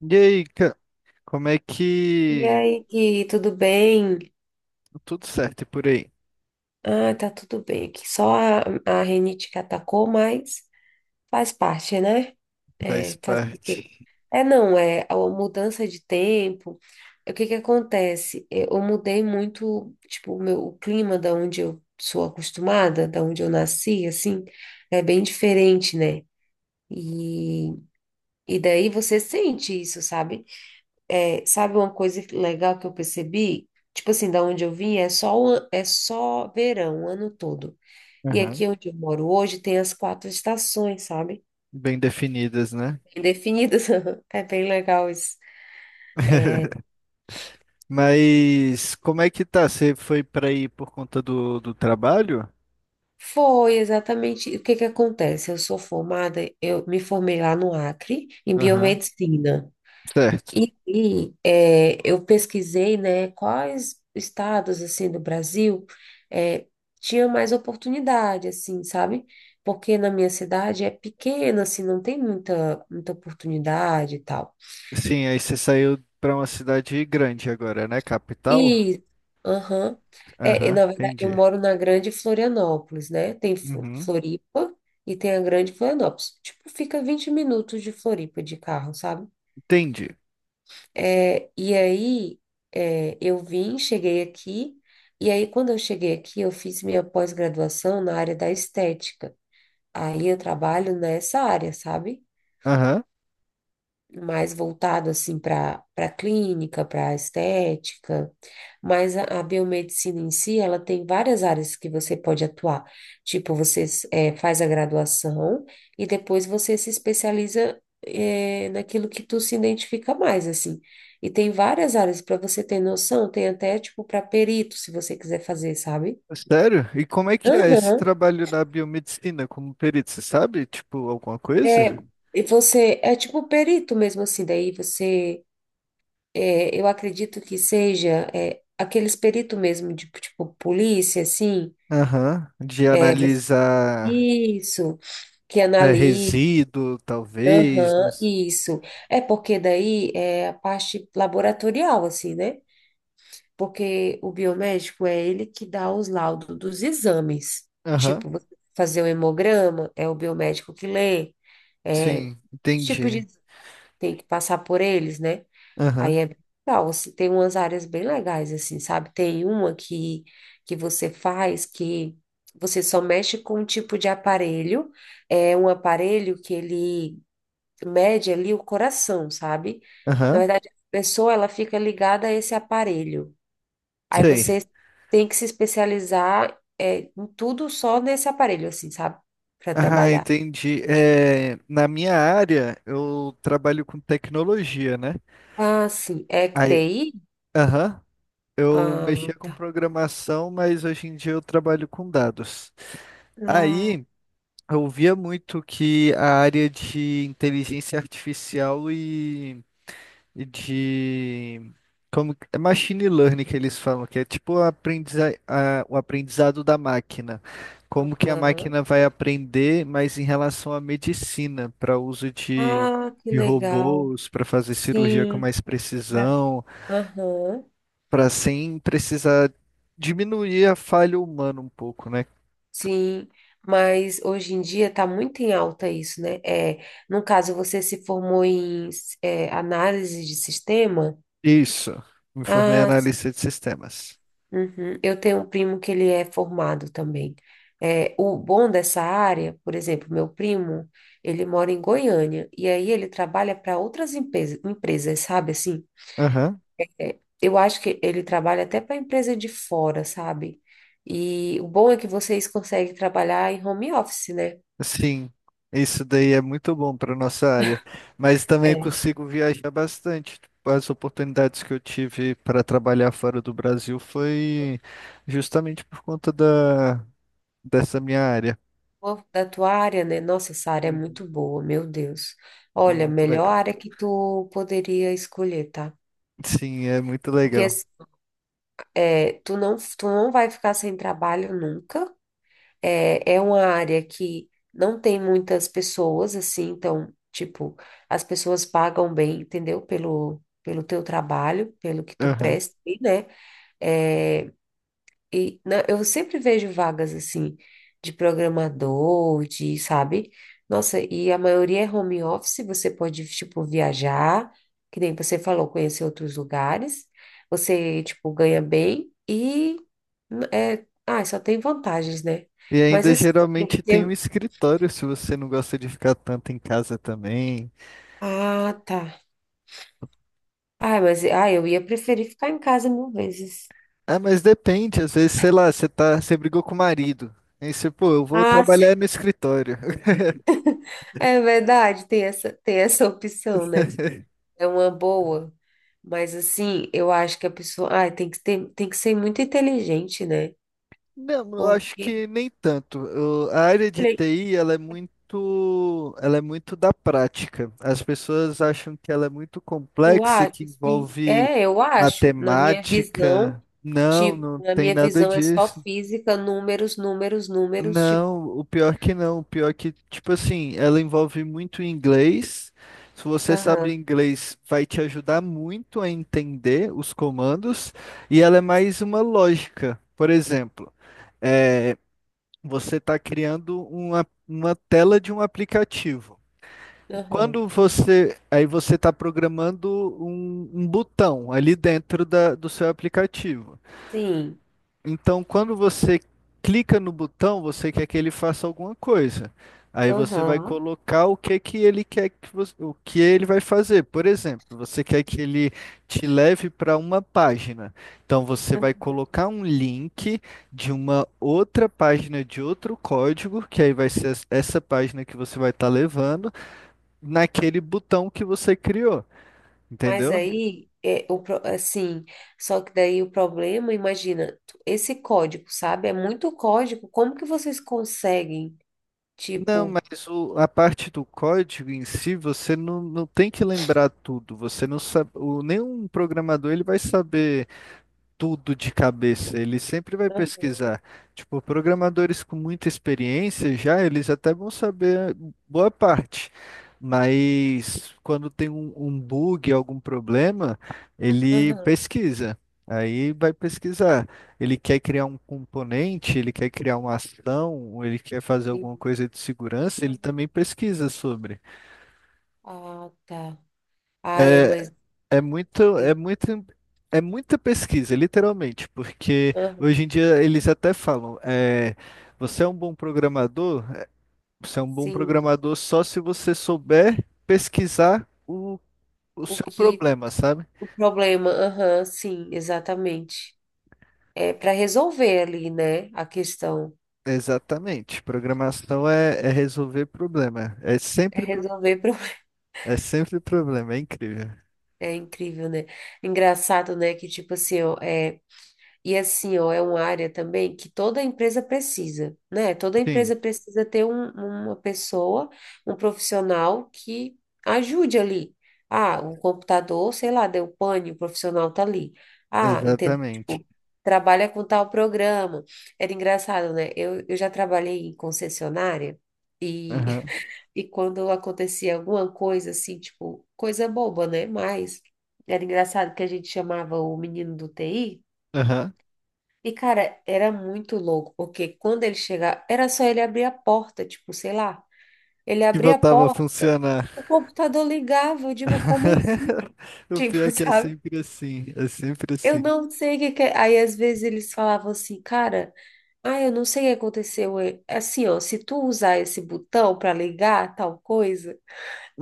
E aí, como é E que aí, Gui, tudo bem? tudo certo por aí? Ah, tá tudo bem aqui. Só a rinite que atacou, mas faz parte, né? Faz É, faz o quê? parte. É, não, é a mudança de tempo. O que que acontece? Eu mudei muito, tipo, o meu, o clima da onde eu sou acostumada, da onde eu nasci, assim, é bem diferente, né? E, e daí você sente isso, sabe? É, sabe uma coisa legal que eu percebi? Tipo assim, da onde eu vim é só verão, o ano todo. E Aham. aqui onde eu moro hoje tem as quatro estações, sabe? Bem definidas, né? Bem definidas. É bem legal isso. Mas como é que tá? Você foi para aí por conta do trabalho? Foi exatamente o que que acontece. Eu sou formada, eu me formei lá no Acre, em Aham, biomedicina. certo. Eu pesquisei, né, quais estados, assim, do Brasil é, tinha mais oportunidade, assim, sabe? Porque na minha cidade é pequena, assim, não tem muita, muita oportunidade e tal. Sim, aí você saiu para uma cidade grande agora, né? Capital? E, aham, Aham, na verdade, eu entendi. moro na Grande Florianópolis, né? Tem Uhum, Floripa e tem a Grande Florianópolis. Tipo, fica 20 minutos de Floripa de carro, sabe? entendi. É, e aí, eu vim, cheguei aqui, e aí, quando eu cheguei aqui, eu fiz minha pós-graduação na área da estética. Aí, eu trabalho nessa área, sabe? Aham. Mais voltado assim para clínica, para estética, mas a biomedicina em si, ela tem várias áreas que você pode atuar. Tipo, você faz a graduação e depois você se especializa naquilo que tu se identifica mais, assim. E tem várias áreas para você ter noção, tem até tipo para perito, se você quiser fazer, sabe? Sério? E como é que é esse Aham. trabalho na biomedicina como perito? Você sabe, tipo, alguma É, coisa? e você é tipo perito mesmo assim, daí eu acredito que seja aqueles peritos mesmo, de, tipo, polícia, assim, Aham, de é, você- analisar, isso, que né, analisa, resíduo, talvez. aham, isso. É porque daí é a parte laboratorial, assim, né? Porque o biomédico é ele que dá os laudos dos exames. Aham, Tipo, você fazer o hemograma, é o biomédico que lê, é, sim, os tipos entendi. de... Tem que passar por eles, né? Aí Aham, é bem legal, assim, tem umas áreas bem legais, assim, sabe? Tem uma que você faz que você só mexe com um tipo de aparelho, é um aparelho que ele mede ali o coração, sabe? Na aham, verdade, a pessoa, ela fica ligada a esse aparelho. Aí sei. você tem que se especializar, é, em tudo só nesse aparelho, assim, sabe? Para Ah, trabalhar. entendi. É, na minha área, eu trabalho com tecnologia, né? Ah, sim, é que Aí, TI? aham, eu Ah, mexia com tá. programação, mas hoje em dia eu trabalho com dados. Ah, Aí, eu via muito que a área de inteligência artificial e de como que- é machine learning que eles falam, que é tipo o aprendizado da máquina. Como que a aham. máquina vai aprender, mas em relação à medicina, para uso Ah, que de legal. robôs, para fazer cirurgia com Sim, mais pra- precisão, aham, para sem precisar diminuir a falha humana um pouco, né? sim, mas hoje em dia está muito em alta isso, né? É, no caso, você se formou em análise de sistema? Isso. Me formei em Ah, sim. analista de sistemas. Uhum. Eu tenho um primo que ele é formado também. É, o bom dessa área, por exemplo, meu primo, ele mora em Goiânia, e aí ele trabalha para outras empresas, sabe assim? Aham. Eu acho que ele trabalha até para empresa de fora, sabe? E o bom é que vocês conseguem trabalhar em home office, né? Sim, isso daí é muito bom para nossa área, mas também eu É. consigo viajar bastante. Tipo, as oportunidades que eu tive para trabalhar fora do Brasil foi justamente por conta dessa minha área. Pô, da tua área, né? Nossa, essa área é Uhum. muito boa, meu Deus. É Olha, muito melhor legal. área que tu poderia escolher, tá? Sim, é muito Porque legal. assim, tu não vai ficar sem trabalho nunca. É, é uma área que não tem muitas pessoas, assim, então, tipo, as pessoas pagam bem, entendeu? Pelo teu trabalho, pelo que tu Aham. presta, né? É, e eu sempre vejo vagas assim de programador, de, sabe? Nossa, e a maioria é home office, você pode, tipo, viajar, que nem você falou, conhecer outros lugares, você, tipo, ganha bem e só tem vantagens, né? E Mas ainda assim, tem que geralmente tem um ter- escritório se você não gosta de ficar tanto em casa também. ah, tá. Ah, mas eu ia preferir ficar em casa mil vezes. Ah, mas depende, às vezes, sei lá, você brigou com o marido. Aí você, pô, eu vou Ah, sim. trabalhar no escritório. É verdade, tem essa opção, né? É uma boa. Mas assim, eu acho que a pessoa, ai, tem que ter, tem que ser muito inteligente, né? Não, eu acho Porque, que nem tanto. A área de olha, TI, ela é muito da prática. As pessoas acham que ela é muito tu complexa, acha que assim, envolve é, eu acho, na minha visão, matemática. Não, tipo, não na tem minha nada visão é só disso. física, números, números, números, tipo, Não, o pior que não. O pior que, tipo assim, ela envolve muito inglês. Se você sabe aham, inglês, vai te ajudar muito a entender os comandos. E ela é mais uma lógica. Por exemplo, é, você está criando uma tela de um aplicativo. aham. Aí você está programando um botão ali dentro do seu aplicativo. Sim, Então, quando você clica no botão, você quer que ele faça alguma coisa. Aí você vai aham. colocar o que que ele quer que você, o que ele vai fazer. Por exemplo, você quer que ele te leve para uma página. Então você vai colocar um link de uma outra página de outro código, que aí vai ser essa página que você vai estar levando, naquele botão que você criou. Mas Entendeu? aí é assim, só que daí o problema, imagina, tu- esse código, sabe? É muito código. Como que vocês conseguem, Não, tipo, mas a parte do código em si, você não tem que lembrar tudo. Você não sabe, o, nenhum programador ele vai saber tudo de cabeça, ele sempre vai aham. pesquisar. Tipo, programadores com muita experiência já, eles até vão saber boa parte. Mas quando tem um bug, algum problema, ele Aham, pesquisa. Aí vai pesquisar. Ele quer criar um componente, ele quer criar uma ação, ou ele quer fazer alguma sim. coisa de segurança, ele Aham. também pesquisa sobre. Ah, tá. Ai, é, É, mas. É muito, é muita pesquisa, literalmente, porque Aham, hoje em dia eles até falam, é, você é um bom programador, é, você é um bom sim. programador só se você souber pesquisar o O seu que. problema, sabe? O problema. Aham, sim, exatamente. É para resolver ali, né? A questão. Exatamente. Programação é resolver problema. É resolver. É sempre problema, é incrível. É incrível, né? Engraçado, né? Que tipo assim, ó, é. E assim, ó, é uma área também que toda empresa precisa, né? Toda Sim, empresa precisa ter uma pessoa, um profissional que ajude ali. Ah, um computador, sei lá, deu pane, o profissional tá ali. Ah, entendeu? exatamente. Tipo, trabalha com tal programa. Era engraçado, né? Eu já trabalhei em concessionária e, Aham, e quando acontecia alguma coisa assim, tipo, coisa boba, né? Mas era engraçado que a gente chamava o menino do TI. aham. E, cara, era muito louco, porque quando ele chegava, era só ele abrir a porta, tipo, sei lá. Ele Que abria a voltava a porta, funcionar. o computador ligava. Eu digo, como assim? O pior Tipo, é que é sabe? sempre assim, é sempre Eu assim. não sei o que que é. Aí, às vezes, eles falavam assim, cara, ah, eu não sei o que aconteceu. Assim, ó, se tu usar esse botão para ligar tal coisa,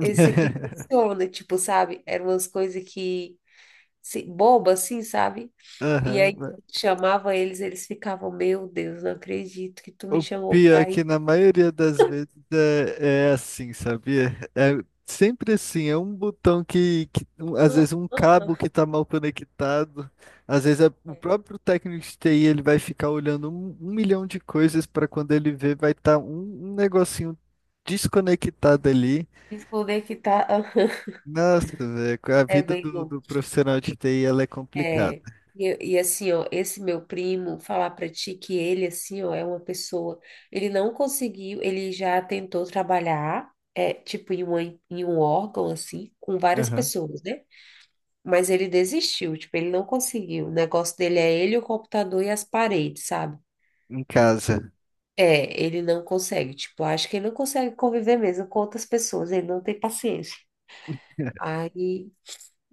esse aqui funciona, tipo, sabe? Eram umas coisas que, se, boba, assim, sabe? E Aham, aí né? chamava eles, eles ficavam, meu Deus, não acredito que tu me O chamou pior é pra que ir. na maioria das vezes é, é assim, sabia? É sempre assim, é um botão às vezes Não, um ah, cabo que ah. tá mal conectado, o É. próprio técnico de TI ele vai ficar olhando um milhão de coisas para quando ele vê vai estar um negocinho desconectado ali. Desconectar, aham. Nossa, velho, a É vida bem louco. do profissional de TI ela é complicada. É, e, assim, ó, esse meu primo, falar pra ti que ele, assim, ó, é uma pessoa, ele não conseguiu, ele já tentou trabalhar, é, tipo, em um órgão, assim, com várias Aham. pessoas, né? Mas ele desistiu, tipo, ele não conseguiu. O negócio dele é ele, o computador e as paredes, sabe? Em casa. É, ele não consegue, tipo, acho que ele não consegue conviver mesmo com outras pessoas, ele não tem paciência. Aí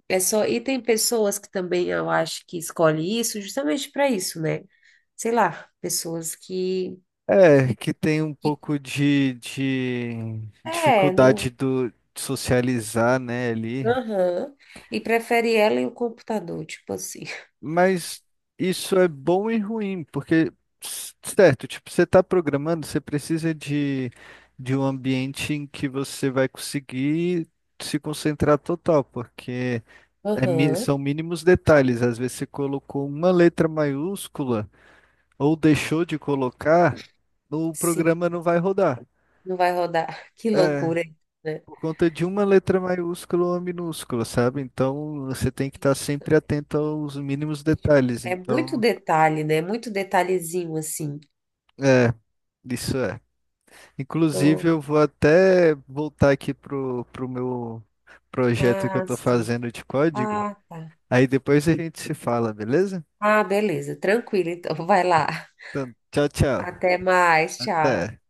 é só, e tem pessoas que também eu acho que escolhe isso justamente para isso, né? Sei lá, pessoas que, É, que tem um que pouco de é, dificuldade não, de socializar, né, ali. aham, e prefere ela e o computador, tipo assim. Mas isso é bom e ruim, porque, s- certo, tipo, você está programando, você precisa de um ambiente em que você vai conseguir se concentrar total, porque Aham, são mínimos detalhes. Às vezes você colocou uma letra maiúscula ou deixou de colocar, o sim, programa não vai rodar. não vai rodar. Que É, loucura, né? por conta de uma letra maiúscula ou minúscula, sabe? Então você tem que estar sempre atento aos mínimos É, tipo, detalhes. é muito Então, detalhe, né? Muito detalhezinho assim. é, isso é. Inclusive, Não, eu vou até voltar aqui pro meu projeto que eu ah, tô sim. fazendo de código. Ah, tá. Aí depois a gente se fala, beleza? Ah, beleza. Tranquilo, então. Vai lá. Então, tchau, tchau. Até mais. Tchau. Até.